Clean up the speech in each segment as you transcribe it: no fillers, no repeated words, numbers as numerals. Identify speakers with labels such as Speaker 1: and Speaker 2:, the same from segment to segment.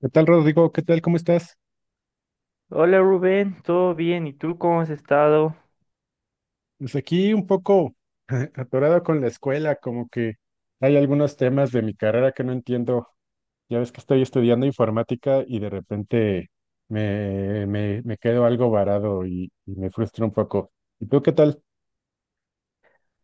Speaker 1: ¿Qué tal, Rodrigo? ¿Qué tal? ¿Cómo estás?
Speaker 2: Hola Rubén, ¿todo bien? ¿Y tú cómo has estado?
Speaker 1: Pues aquí un poco atorado con la escuela, como que hay algunos temas de mi carrera que no entiendo. Ya ves que estoy estudiando informática y de repente me quedo algo varado y me frustro un poco. ¿Y tú qué tal?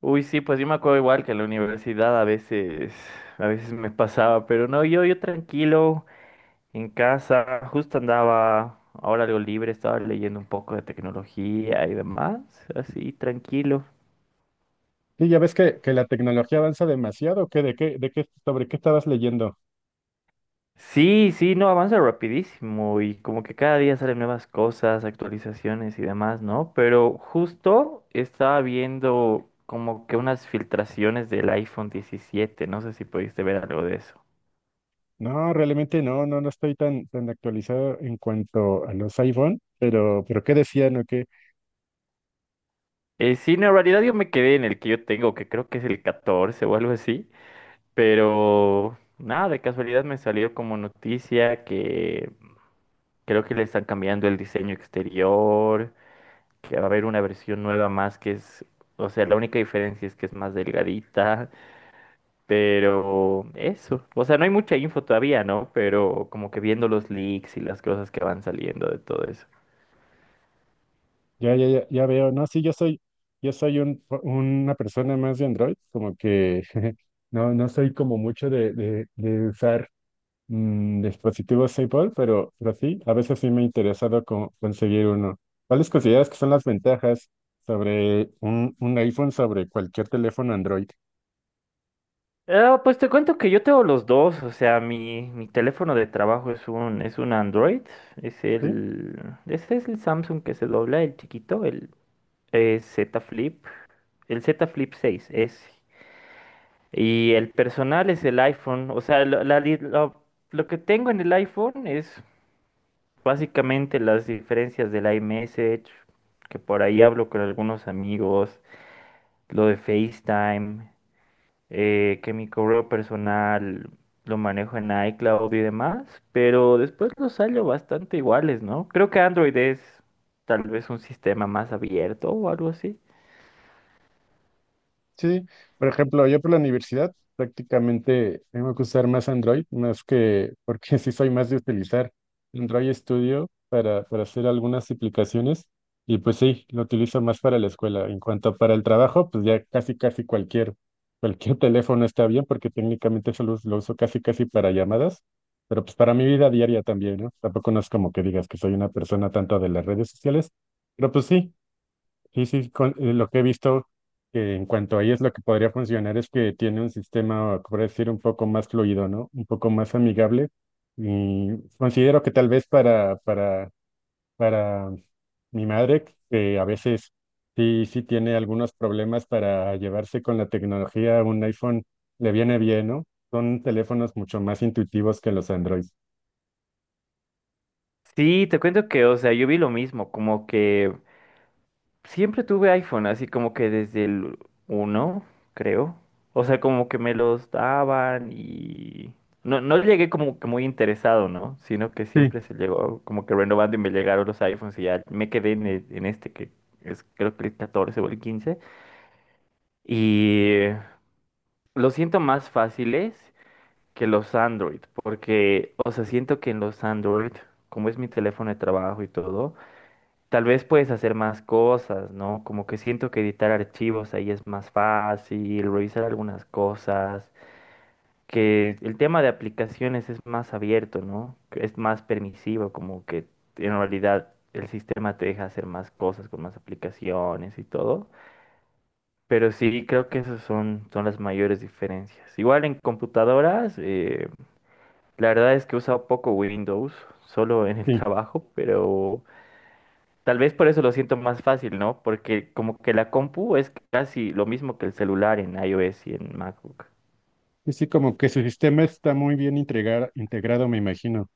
Speaker 2: Uy, sí, pues yo me acuerdo igual que en la universidad a veces me pasaba, pero no, yo tranquilo, en casa, justo andaba, ahora algo libre, estaba leyendo un poco de tecnología y demás, así tranquilo.
Speaker 1: Sí, ya ves que la tecnología avanza demasiado, ¿o qué? ¿De qué, de qué, sobre qué estabas leyendo?
Speaker 2: Sí, sí, no, avanza rapidísimo y como que cada día salen nuevas cosas, actualizaciones y demás, ¿no? Pero justo estaba viendo como que unas filtraciones del iPhone 17, no sé si pudiste ver algo de eso.
Speaker 1: No, realmente no estoy tan actualizado en cuanto a los iPhone, pero ¿qué decían o qué?
Speaker 2: Sí, no, en realidad yo me quedé en el que yo tengo, que creo que es el 14 o algo así, pero nada, de casualidad me salió como noticia que creo que le están cambiando el diseño exterior, que va a haber una versión nueva más que es, o sea, la única diferencia es que es más delgadita, pero eso, o sea, no hay mucha info todavía, ¿no? Pero como que viendo los leaks y las cosas que van saliendo de todo eso.
Speaker 1: Ya, ya, ya, ya veo. No, sí, yo soy una persona más de Android, como que no soy como mucho de, de usar dispositivos Apple, pero sí, a veces sí me ha interesado conseguir uno. ¿Cuáles consideras que son las ventajas sobre un iPhone sobre cualquier teléfono Android?
Speaker 2: Ah, pues te cuento que yo tengo los dos, o sea, mi teléfono de trabajo es es un Android, es
Speaker 1: Sí.
Speaker 2: el, ese es el Samsung que se dobla, el chiquito, el Z Flip, el Z Flip seis ese. Y el personal es el iPhone. O sea, lo, la di- lo que tengo en el iPhone es básicamente las diferencias del iMessage, que por ahí hablo con algunos amigos, lo de FaceTime, que mi correo personal lo manejo en iCloud y demás, pero después los salió bastante iguales, ¿no? Creo que Android es tal vez un sistema más abierto o algo así.
Speaker 1: Sí, por ejemplo, yo por la universidad prácticamente tengo que usar más Android, más que porque sí soy más de utilizar Android Studio para hacer algunas aplicaciones y pues sí, lo utilizo más para la escuela. En cuanto para el trabajo, pues ya casi casi cualquier teléfono está bien porque técnicamente solo lo uso casi casi para llamadas, pero pues para mi vida diaria también, ¿no? Tampoco no es como que digas que soy una persona tanto de las redes sociales, pero pues sí. Sí, lo que he visto que en cuanto a ellos lo que podría funcionar es que tiene un sistema, por decir, un poco más fluido, ¿no? Un poco más amigable. Y considero que tal vez para mi madre, que a veces sí tiene algunos problemas para llevarse con la tecnología, un iPhone le viene bien, ¿no? Son teléfonos mucho más intuitivos que los Android.
Speaker 2: Sí, te cuento que, o sea, yo vi lo mismo, como que... Siempre tuve iPhone, así como que desde el uno creo. O sea, como que me los daban y... No, no llegué como que muy interesado, ¿no? Sino que
Speaker 1: Sí,
Speaker 2: siempre se llegó como que renovando y me llegaron los iPhones y ya me quedé en, el- en este que es creo que el 14 o el 15. Y lo siento más fáciles que los Android, porque, o sea, siento que en los Android, como es mi teléfono de trabajo y todo, tal vez puedes hacer más cosas, ¿no? Como que siento que editar archivos ahí es más fácil, revisar algunas cosas, que el tema de aplicaciones es más abierto, ¿no? Que es más permisivo, como que en realidad el sistema te deja hacer más cosas con más aplicaciones y todo. Pero sí, creo que esas son, son las mayores diferencias. Igual en computadoras, la verdad es que he usado poco Windows, solo en el
Speaker 1: sí.
Speaker 2: trabajo, pero... Tal vez por eso lo siento más fácil, ¿no? Porque como que la compu es casi lo mismo que el celular en iOS y en MacBook.
Speaker 1: Y sí, como que su sistema está muy bien integrado, me imagino.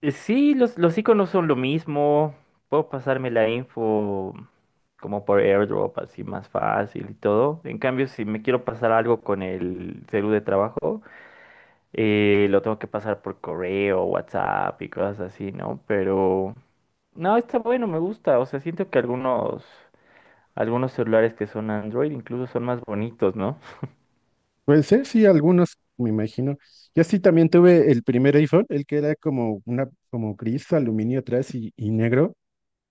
Speaker 2: Sí, los iconos son lo mismo. Puedo pasarme la info como por AirDrop, así más fácil y todo. En cambio, si me quiero pasar algo con el celu de trabajo, lo tengo que pasar por correo, WhatsApp y cosas así, ¿no? Pero no, está bueno, me gusta. O sea, siento que algunos, algunos celulares que son Android incluso son más bonitos, ¿no?
Speaker 1: Puede ser, sí, algunos, me imagino. Yo sí también tuve el primer iPhone, el que era como una, como gris, aluminio atrás y negro.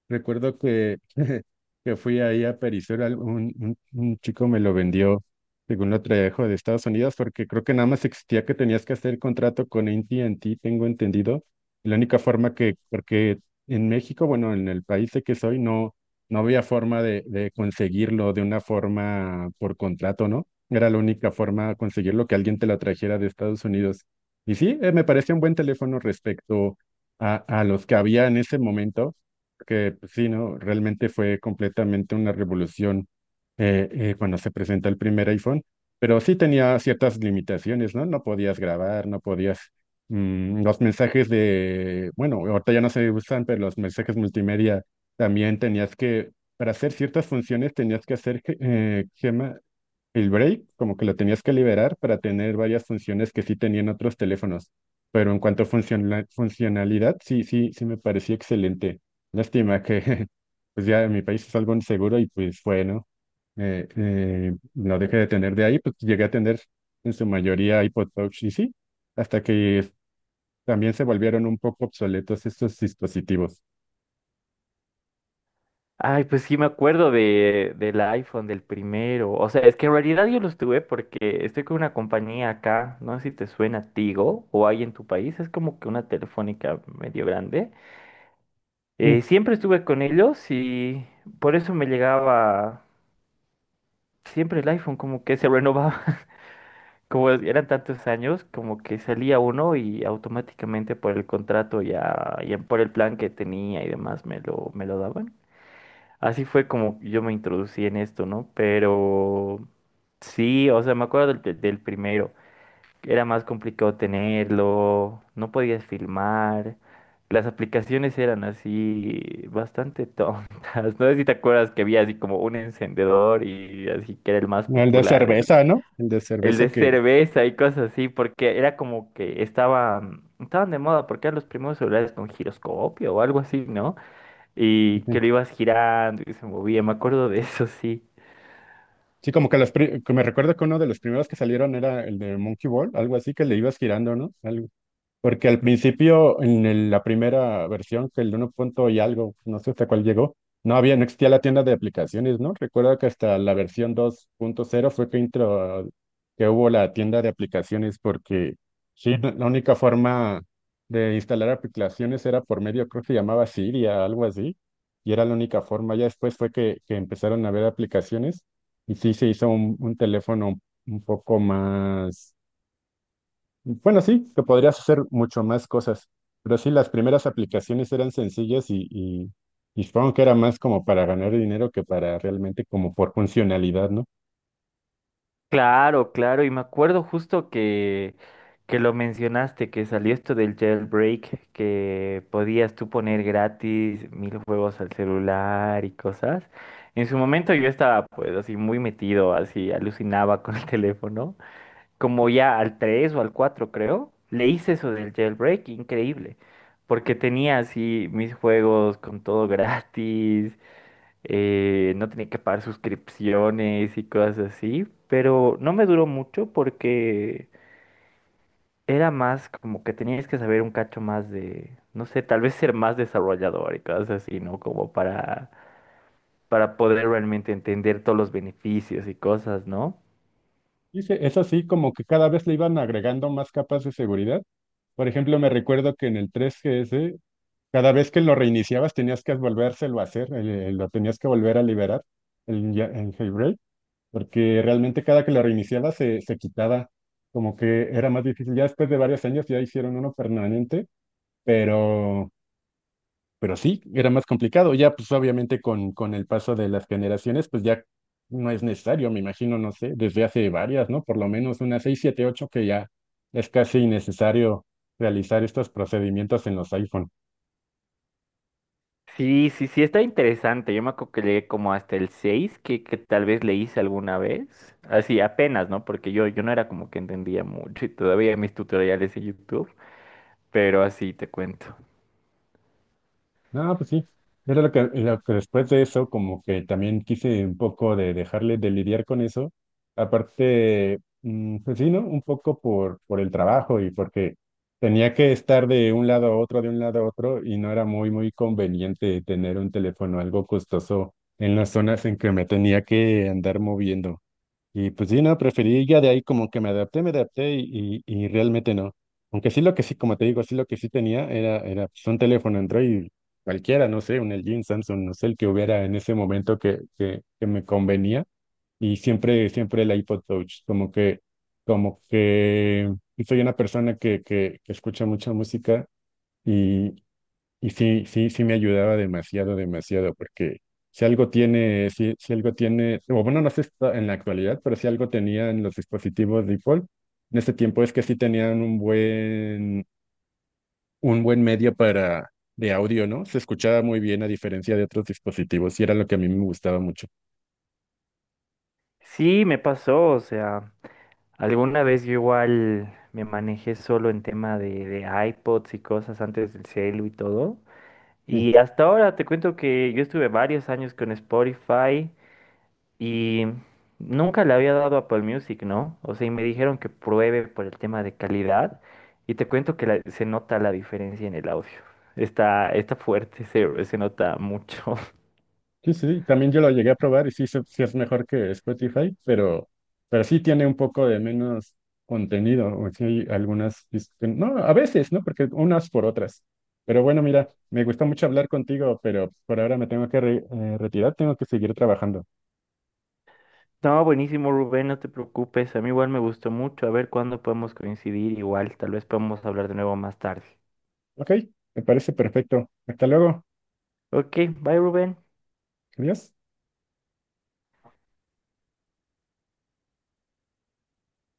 Speaker 1: Recuerdo que, que fui ahí a Perisur, un chico me lo vendió, según lo trajo de Estados Unidos, porque creo que nada más existía que tenías que hacer contrato con AT&T, tengo entendido. La única forma que, porque en México, bueno, en el país de que soy, no, no había forma de conseguirlo de una forma por contrato, ¿no? Era la única forma de conseguirlo que alguien te lo trajera de Estados Unidos. Y sí, me parecía un buen teléfono respecto a los que había en ese momento que pues, sí, ¿no? Realmente fue completamente una revolución cuando se presentó el primer iPhone, pero sí tenía ciertas limitaciones, ¿no? No podías grabar, no podías... los mensajes de, bueno, ahorita ya no se usan, pero los mensajes multimedia también tenías que, para hacer ciertas funciones tenías que hacer, ¿qué se llama? El break, como que lo tenías que liberar para tener varias funciones que sí tenían otros teléfonos. Pero en cuanto a funcionalidad, sí, sí, sí me parecía excelente. Lástima que pues ya en mi país es algo inseguro y pues bueno no dejé de tener de ahí, pues llegué a tener en su mayoría iPod Touch y sí, hasta que también se volvieron un poco obsoletos estos dispositivos.
Speaker 2: Ay, pues sí me acuerdo de, del iPhone, del primero. O sea, es que en realidad yo los tuve porque estoy con una compañía acá, no sé si te suena Tigo o hay en tu país, es como que una telefónica medio grande.
Speaker 1: Sí,
Speaker 2: Siempre estuve con ellos y por eso me llegaba siempre el iPhone, como que se renovaba, como eran tantos años, como que salía uno y automáticamente por el contrato ya, ya por el plan que tenía y demás me lo daban. Así fue como yo me introducí en esto, ¿no? Pero sí, o sea, me acuerdo del, pri- del primero. Era más complicado tenerlo, no podías filmar. Las aplicaciones eran así bastante tontas. No sé si te acuerdas que había así como un encendedor y así que era el más
Speaker 1: el de
Speaker 2: popular,
Speaker 1: cerveza, ¿no? El de
Speaker 2: el
Speaker 1: cerveza
Speaker 2: de
Speaker 1: que...
Speaker 2: cerveza y cosas así, porque era como que estaba, estaban de moda, porque eran los primeros celulares con giroscopio o algo así, ¿no? Y
Speaker 1: Sí,
Speaker 2: que lo ibas girando y se movía. Me acuerdo de eso, sí.
Speaker 1: sí, como que los que me recuerdo que uno de los primeros que salieron era el de Monkey Ball, algo así que le ibas girando, ¿no? Algo. Porque al principio, en la primera versión, que el uno punto y algo, no sé hasta cuál llegó, no había, no existía la tienda de aplicaciones, ¿no? Recuerdo que hasta la versión dos punto cero fue que que hubo la tienda de aplicaciones, porque sí, la única forma de instalar aplicaciones era por medio, creo que se llamaba Siria, algo así, y era la única forma. Ya después fue que empezaron a ver aplicaciones, y sí se hizo un teléfono un poco más bueno, sí, que podrías hacer mucho más cosas, pero sí, las primeras aplicaciones eran sencillas y supongo que era más como para ganar dinero que para realmente como por funcionalidad, ¿no?
Speaker 2: Claro, claro, y me acuerdo justo que lo mencionaste, que salió esto del jailbreak, que podías tú poner gratis mil juegos al celular y cosas. En su momento yo estaba pues así muy metido, así alucinaba con el teléfono, como ya al 3 o al 4 creo, le hice eso del jailbreak, increíble, porque tenía así mis juegos con todo gratis. No tenía que pagar suscripciones y cosas así, pero no me duró mucho porque era más como que tenías que saber un cacho más de, no sé, tal vez ser más desarrollador y cosas así, ¿no? Como para poder realmente entender todos los beneficios y cosas, ¿no?
Speaker 1: Y es así como que cada vez le iban agregando más capas de seguridad. Por ejemplo, me recuerdo que en el 3GS, cada vez que lo reiniciabas tenías que volvérselo a hacer, lo tenías que volver a liberar, el jailbreak, porque realmente cada que lo reiniciabas se, se quitaba como que era más difícil. Ya después de varios años ya hicieron uno permanente. Pero, pero sí, era más complicado. Ya, pues obviamente con el paso de las generaciones, pues ya no es necesario, me imagino, no sé, desde hace varias, ¿no? Por lo menos unas seis, siete, ocho que ya es casi innecesario realizar estos procedimientos en los iPhone.
Speaker 2: Sí, sí, sí, está interesante. Yo me acuerdo que llegué como hasta el 6 que tal vez le hice alguna vez. Así, apenas, ¿no? Porque yo no era como que entendía mucho y todavía mis tutoriales en YouTube. Pero así te cuento.
Speaker 1: No, pues sí. Era lo que después de eso, como que también quise un poco de dejarle de lidiar con eso. Aparte, pues sí, ¿no? Un poco por el trabajo y porque tenía que estar de un lado a otro, de un lado a otro, y no era muy, muy conveniente tener un teléfono algo costoso en las zonas en que me tenía que andar moviendo. Y pues sí, no, preferí ya de ahí como que me adapté y realmente no. Aunque sí lo que sí, como te digo, sí lo que sí tenía era, era pues, un teléfono Android cualquiera, no sé, un LG, un Samsung, no sé, el que hubiera en ese momento que me convenía. Y siempre, siempre el iPod Touch, como que pues, soy una persona que escucha mucha música y y sí, sí, sí me ayudaba demasiado, demasiado, porque si algo tiene, si, si algo tiene, o bueno, no sé si está en la actualidad, pero si algo tenía en los dispositivos default, en ese tiempo es que sí tenían un buen medio para, de audio, ¿no? Se escuchaba muy bien a diferencia de otros dispositivos y era lo que a mí me gustaba mucho.
Speaker 2: Sí, me pasó, o sea, alguna vez yo igual me manejé solo en tema de iPods y cosas antes del celu y todo.
Speaker 1: Sí.
Speaker 2: Y hasta ahora te cuento que yo estuve varios años con Spotify y nunca le había dado Apple Music, ¿no? O sea, y me dijeron que pruebe por el tema de calidad y te cuento que la- se nota la diferencia en el audio. Está, está fuerte, se nota mucho.
Speaker 1: Sí, sí, también yo lo llegué a probar y sí, sí es mejor que Spotify, pero sí tiene un poco de menos contenido, o sí hay algunas, no, a veces, ¿no? Porque unas por otras. Pero bueno, mira, me gustó mucho hablar contigo, pero por ahora me tengo que retirar, tengo que seguir trabajando.
Speaker 2: No, buenísimo, Rubén, no te preocupes. A mí igual me gustó mucho. A ver cuándo podemos coincidir. Igual, tal vez podemos hablar de nuevo más tarde.
Speaker 1: Ok, me parece perfecto. Hasta luego.
Speaker 2: Ok, bye, Rubén.
Speaker 1: Adiós.